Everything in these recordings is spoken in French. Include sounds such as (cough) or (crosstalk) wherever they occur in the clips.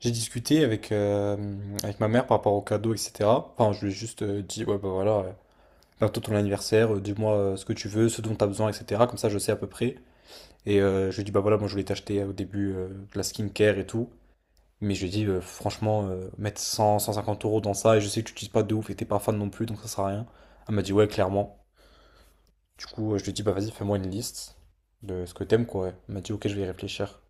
J'ai discuté avec ma mère par rapport au cadeau, etc. Enfin, je lui ai juste dit, ouais, bah voilà, bientôt ton anniversaire, dis-moi ce que tu veux, ce dont tu as besoin, etc. Comme ça, je sais à peu près. Et je lui ai dit, bah voilà, moi je voulais t'acheter au début de la skincare et tout. Mais je lui ai dit, franchement, mettre cent cinquante euros dans ça, et je sais que tu n'utilises pas de ouf et t'es pas fan non plus, donc ça sert à rien. Elle m'a dit, ouais, clairement. Du coup, je lui ai dit, bah vas-y, fais-moi une liste de ce que t'aimes, quoi. Elle m'a dit, ok, je vais y réfléchir.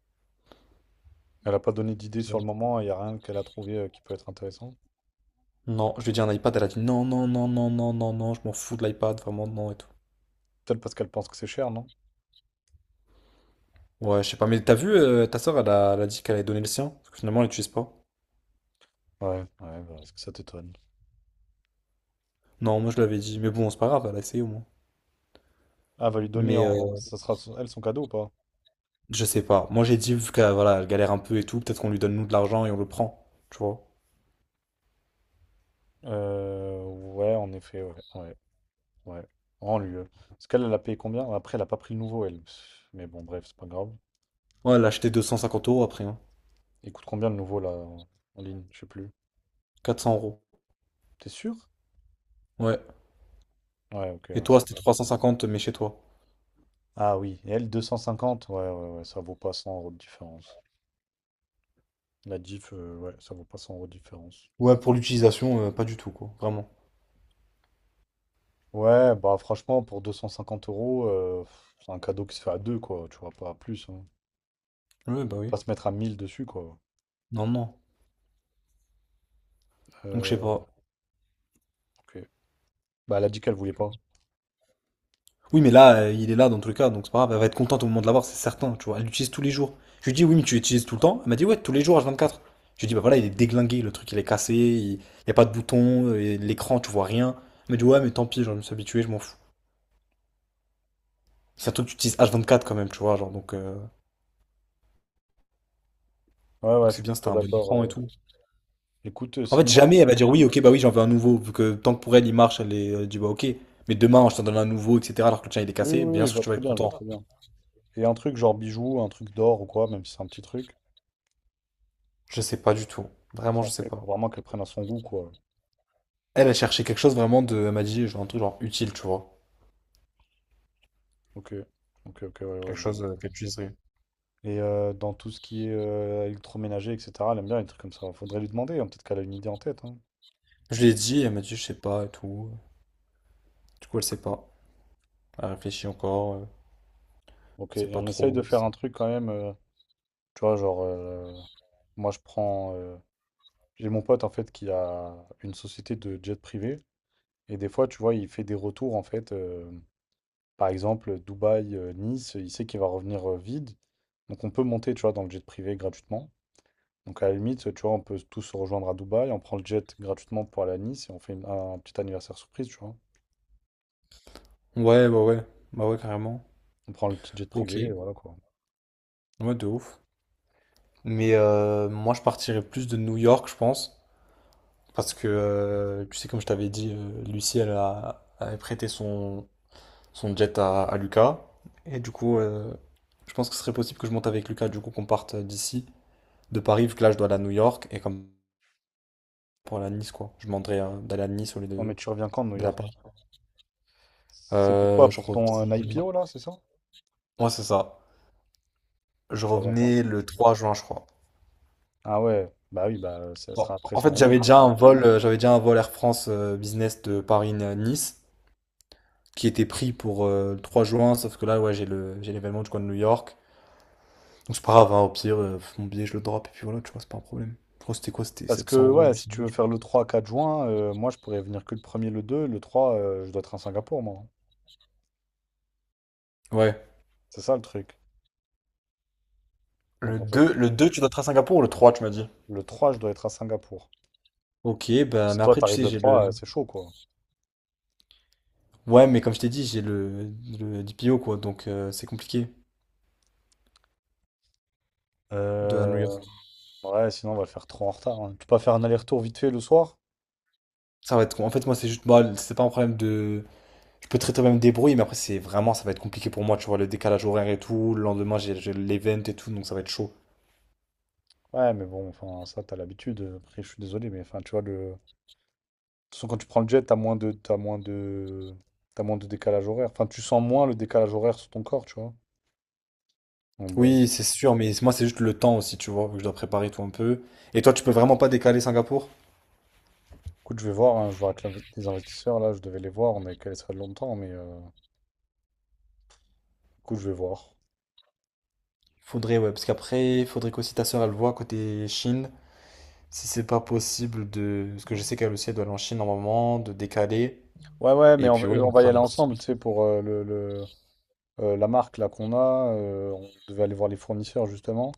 Elle a pas donné d'idée sur le moment, il n'y a rien qu'elle a trouvé qui peut être intéressant. Non, je lui ai dit un iPad, elle a dit non, non, non, non, non, non, non, je m'en fous de l'iPad, vraiment, non et tout. Peut-être parce qu'elle pense que c'est cher, non? Ouais, je sais pas, mais t'as vu, ta soeur, elle a dit qu'elle allait donner le sien, parce que finalement, elle l'utilise pas. Ouais, ouais, bah, est-ce que ça t'étonne? Non, moi je l'avais dit, mais bon, c'est pas grave, elle a essayé au moins. Ah, va lui donner Mais en. Ça sera elle son cadeau ou pas? je sais pas, moi j'ai dit, vu qu'elle voilà, elle galère un peu et tout, peut-être qu'on lui donne nous de l'argent et on le prend, tu vois. Ouais, en effet, ouais, ouais, ouais. En lui. Parce qu'elle, elle a payé combien? Après, elle a pas pris le nouveau, elle. Pff, mais bon, bref, c'est pas grave. Ouais, elle a acheté 250 euros après, hein. Il coûte combien le nouveau, là, en ligne? Je sais plus. 400 euros. T'es sûr? Ouais. Ouais, ok. Et Ouais. toi, c'était 350, mais chez toi. Ah oui, et elle, 250? Ouais, ouais, ouais, ça vaut pas 100 € de différence. La diff, ouais, ça vaut pas 100 € de différence. Ouais, pour l'utilisation, pas du tout, quoi, vraiment. Ouais, bah franchement, pour 250 euros, pff, c'est un cadeau qui se fait à deux, quoi. Tu vois, pas plus. Hein. Ouais, bah oui. Pas se mettre à 1000 dessus, quoi. Non, non. Donc je sais Euh, pas. ok. Bah, elle a dit qu'elle voulait pas. Oui, mais là, il est là dans tous les cas, donc c'est pas grave, elle va être contente au moment de l'avoir, c'est certain, tu vois. Elle l'utilise tous les jours. Je lui dis, oui, mais tu l'utilises tout le temps. Elle m'a dit, ouais, tous les jours, H24. Je lui dis, bah voilà, il est déglingué, le truc, il est cassé, il n'y a pas de bouton, et l'écran, tu vois rien. Elle m'a dit, ouais, mais tant pis, genre, je me suis habitué, je m'en fous. C'est un truc que tu utilises H24 quand même, tu vois, genre, donc euh, Ouais, ouais, donc je c'est suis bien, c'était plutôt un bon d'accord. écran et euh. tout. Écoute, En fait, sinon. jamais elle va dire, oui, ok, bah oui, j'en veux un nouveau, vu que tant que pour elle, il marche, elle dit, bah ok, mais demain, je t'en donne un nouveau, etc., alors que le tien, il est Oui, oui, cassé, oui, bien je sûr vois que tu vas très être bien, je vois content. très bien. Et un truc genre bijoux, un truc d'or ou quoi, même si c'est un petit truc. Je sais pas du tout. Vraiment, Ça, je après, sais faut pas. vraiment qu'elle prenne à son goût, quoi. Elle a cherché quelque chose vraiment de. Elle m'a dit, genre, un truc genre utile, tu vois. Ok. Ok, ok, ouais, ouais, Quelque je vois. chose qu'elle puisse. Et dans tout ce qui est électroménager, etc., elle aime bien les trucs comme ça. Faudrait lui demander, hein, peut-être qu'elle a une idée en tête. Hein. Je lui ai dit, elle m'a dit, je sais pas et tout. Du coup, elle sait pas. Elle réfléchit encore. Ok, C'est et pas on essaye de trop. faire un truc quand même. Tu vois, genre, moi, je prends. J'ai mon pote, en fait, qui a une société de jet privé. Et des fois, tu vois, il fait des retours, en fait. Par exemple, Dubaï, Nice, il sait qu'il va revenir vide. Donc, on peut monter, tu vois, dans le jet privé gratuitement. Donc, à la limite, tu vois, on peut tous se rejoindre à Dubaï. On prend le jet gratuitement pour aller à Nice et on fait un petit anniversaire surprise, tu vois. Ouais, bah ouais. Bah ouais, carrément. On prend le petit jet Ok. privé et voilà, quoi. Ouais, de ouf. Mais moi, je partirais plus de New York, je pense. Parce que, tu sais, comme je t'avais dit, Lucie, avait prêté son jet à Lucas. Et du coup, je pense que ce serait possible que je monte avec Lucas, du coup, qu'on parte d'ici, de Paris, vu que là, je dois aller à New York. Et comme pour aller à Nice, quoi. Je demanderais d'aller à Nice au lieu Oh, de mais tu reviens quand de New d'aller à York? Paris. C'est pourquoi? Je Pour ton reviens. IPO, là, c'est ça? Ouais, c'est ça. Je Tu reviens quand? revenais le 3 juin, je crois. Ah ouais, bah oui, bah ça sera Bon, après en son fait, ami. j'avais déjà un vol Air France Business de Paris à Nice qui était pris pour le 3 juin, sauf que là, ouais, j'ai l'événement du coin de New York. Donc c'est pas grave, hein, au pire, mon billet, je le drop et puis voilà, tu vois, c'est pas un problème. Je crois que c'était quoi? C'était Parce 700 que euros, ouais, si 800 tu euros. veux faire le trois quatre juin, moi je pourrais venir que le premier, le deux, le 3 je dois être à Singapour, moi. Hein. Ouais. C'est ça le truc. Donc Le en fait, deux le deux tu dois être à Singapour ou le 3 tu m'as dit? le trois je dois être à Singapour. Ok, bah, Si mais toi après, tu t'arrives sais, le j'ai le. trois c'est chaud quoi. Ouais, mais comme je t'ai dit, j'ai le DPO, quoi, donc c'est compliqué de à New Euh, York. ouais, sinon on va le faire trop en retard. Hein. Tu peux pas faire un aller-retour vite fait le soir? Ça va être, en fait, moi, c'est juste, bah, c'est pas un problème de. Je peux très très bien me débrouiller, mais après, c'est vraiment, ça va être compliqué pour moi, tu vois, le décalage horaire et tout. Le lendemain, j'ai l'event et tout, donc ça va être chaud. Ouais, mais bon, enfin, ça, t'as l'habitude. Après, je suis désolé, mais enfin, tu vois, de toute façon, quand tu prends le jet, t'as moins de décalage horaire. Enfin, tu sens moins le décalage horaire sur ton corps, tu vois. Donc, bon. Oui, c'est sûr, mais moi, c'est juste le temps aussi, tu vois, vu que je dois préparer tout un peu. Et toi, tu peux vraiment pas décaler Singapour? Écoute, je vais voir, hein, je vois avec les investisseurs, là, je devais les voir, on avait calé ça longtemps, mais écoute, je vais voir. Faudrait, ouais, parce qu'après, faudrait qu'aussi ta sœur elle voit côté Chine, si c'est pas possible de. Parce que je sais qu'elle aussi, elle doit aller en Chine normalement, de décaler. Ouais, ouais, mais Et on, puis, va ouais, on on va y fera un aller petit. ensemble, tu sais, pour la marque, là, qu'on a. On devait aller voir les fournisseurs, justement.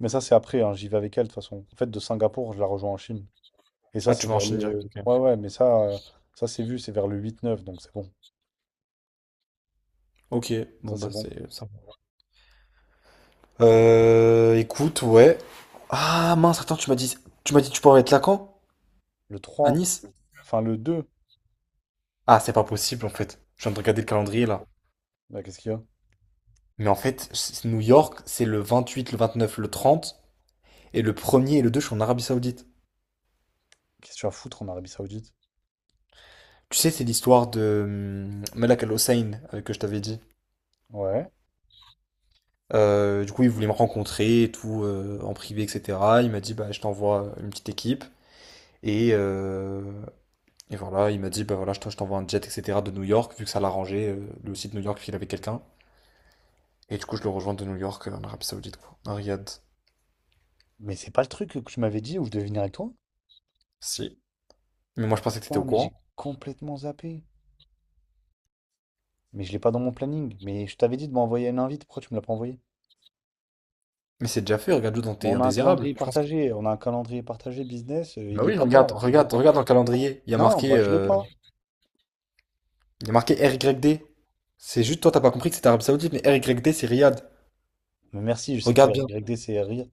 Mais ça, c'est après, hein, j'y vais avec elle, de toute façon. En fait, de Singapour, je la rejoins en Chine. Et ça, Ah, tu c'est vas vers enchaîner direct, le. ok. Ouais, ouais, mais ça, ça c'est vu, c'est vers le 8-9, donc c'est bon. Ok, bon Ça, c'est bah bon. c'est ça. Va. Écoute, ouais. Ah mince, attends, tu m'as dit tu pourrais être là quand? Le À 3, Nice? enfin le 2. Ah, c'est pas possible en fait. Je viens de Oh, regarder le calendrier là. bah, qu'est-ce qu'il y a? Mais en fait, New York, c'est le 28, le 29, le 30, et le premier, et le 2 je suis en Arabie Saoudite. Qu'est-ce que tu vas foutre en Arabie Saoudite? Tu sais, c'est l'histoire de Malak Al-Hussein que je t'avais dit. Ouais. Du coup, il voulait me rencontrer et tout, en privé, etc. Il m'a dit, bah, je t'envoie une petite équipe. Et, euh, Et voilà, il m'a dit, bah voilà, je t'envoie un jet, etc. de New York, vu que ça l'arrangeait, lui aussi de New York, qu'il avait quelqu'un. Et du coup, je le rejoins de New York, en Arabie Saoudite, quoi. À Riyad. Mais c'est pas le truc que tu m'avais dit où je devais venir avec toi? Si. Mais moi, je Mais pensais que t'étais au putain, mais courant. j'ai complètement zappé. Mais je l'ai pas dans mon planning. Mais je t'avais dit de m'envoyer une invite, pourquoi tu me l'as pas envoyé? Mais c'est déjà fait, regarde-le dans Mais tes on a un indésirables. calendrier Je pense. partagé, on a un calendrier partagé business, Bah il est oui, pas dedans regarde, là, je suis regarde, devant. regarde dans le calendrier. Il y a Non, marqué, moi je l'ai pas. il y a marqué RYD. C'est juste, toi, t'as pas compris que c'était Arabie Saoudite, mais RYD, c'est Riyad. Mais merci, je sais que Regarde R bien. Y D c'est rire.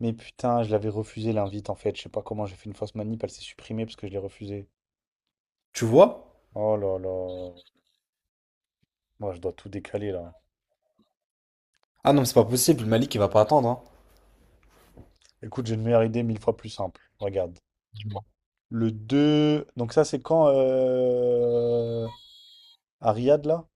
Mais putain, je l'avais refusé l'invite en fait. Je sais pas comment j'ai fait une fausse manip, elle s'est supprimée parce que je l'ai refusée. Tu vois? Oh là là. Moi, je dois tout décaler là. Ah non, mais c'est pas possible, Malik, il va pas attendre, hein. Écoute, j'ai une meilleure idée mille fois plus simple. Regarde. Le 2. Donc ça, c'est quand à Riyad là?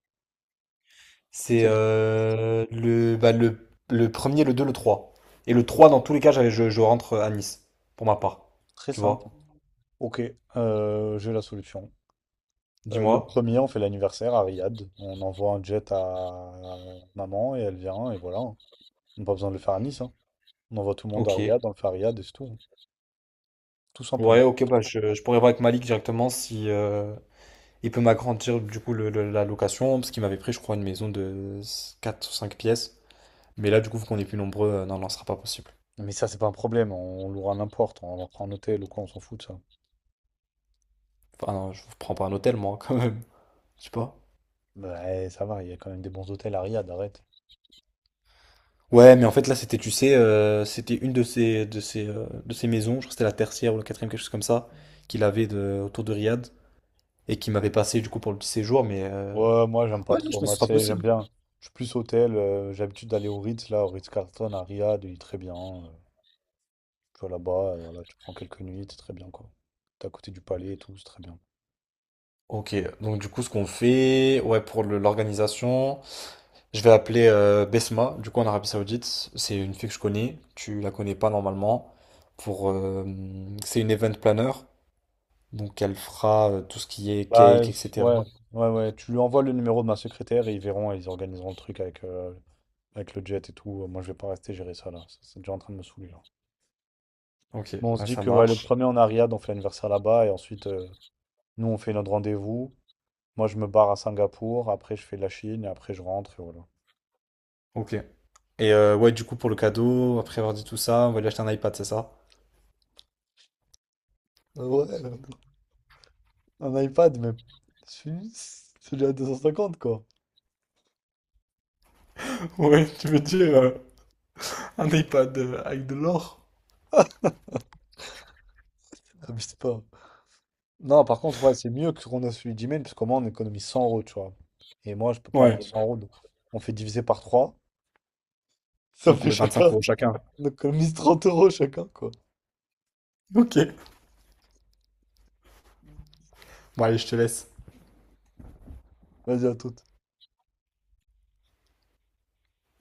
C'est C'est euh, le, bah, le, le premier, le deux, le trois. Et le 3 dans tous les cas, je rentre à Nice, pour ma part. très Tu simple. vois? Ok, j'ai la solution. Le Dis-moi. premier, on fait l'anniversaire à Riyad. On envoie un jet à maman et elle vient et voilà. On n'a pas besoin de le faire à Nice. Hein. On envoie tout le monde à Ok. Riyad, on le fait à Riyad et c'est tout. Hein. Tout Ouais, simplement. ok, bah, je pourrais voir avec Malik directement si il peut m'agrandir du coup la location, parce qu'il m'avait pris, je crois, une maison de 4 ou 5 pièces. Mais là, du coup, vu qu'on est plus nombreux, non, non, ce sera pas possible. Mais ça, c'est pas un problème, on louera n'importe, on leur prend un hôtel ou quoi, on s'en fout de ça. Enfin, non, je vous prends pas un hôtel, moi, (laughs) quand même. Je sais pas. Ouais, ça va, il y a quand même des bons hôtels à Riyad, arrête. Ouais, mais en fait là c'était, tu sais, c'était une de ces maisons, je crois que c'était la tertiaire ou la quatrième, quelque chose comme ça, qu'il avait autour de Riyad et qui m'avait passé du coup pour le petit séjour, mais Ouais, moi j'aime pas ouais, non, je pense trop, que ce moi tu sera sais, j'aime possible. bien. Je suis plus hôtel, j'ai l'habitude d'aller au Ritz, là, au Ritz-Carlton à Riyad, il est très bien. Tu vas là-bas, voilà, tu prends quelques nuits, c'est très bien quoi. T'es à côté du palais et tout, c'est très bien. Ok, donc du coup ce qu'on fait, ouais, pour l'organisation, je vais appeler Besma, du coup en Arabie Saoudite, c'est une fille que je connais, tu la connais pas normalement, pour c'est une event planner, donc elle fera tout ce qui est Bah, cake, etc. ouais, ouais, ouais, tu lui envoies le numéro de ma secrétaire et ils verront, ils organiseront le truc avec le jet et tout. Moi je vais pas rester gérer ça là, c'est déjà en train de me saouler là. Ok, Bon, on se ouais, dit ça que ouais, le marche. premier en Ariad, on fait l'anniversaire là-bas et ensuite nous on fait notre rendez-vous. Moi je me barre à Singapour, après je fais la Chine et après je rentre et voilà. Ok. Et ouais, du coup, pour le cadeau, après avoir dit tout ça, on va lui acheter un iPad, c'est ça? Ouais, un iPad, mais celui celui à 250 quoi. (laughs) Ouais, tu veux dire un iPad avec de l'or? Abuse pas. Non, par contre, ouais, c'est mieux que ce qu'on a celui d'email parce qu'au moins on économise 100 euros, tu vois. Et moi je peux pas mettre Ouais. 100 € donc on fait diviser par trois. Ça Donc on fait met 25 chacun. euros chacun. On économise 30 € chacun quoi. Ok. Bon, allez, je te laisse. Vas-y à toute.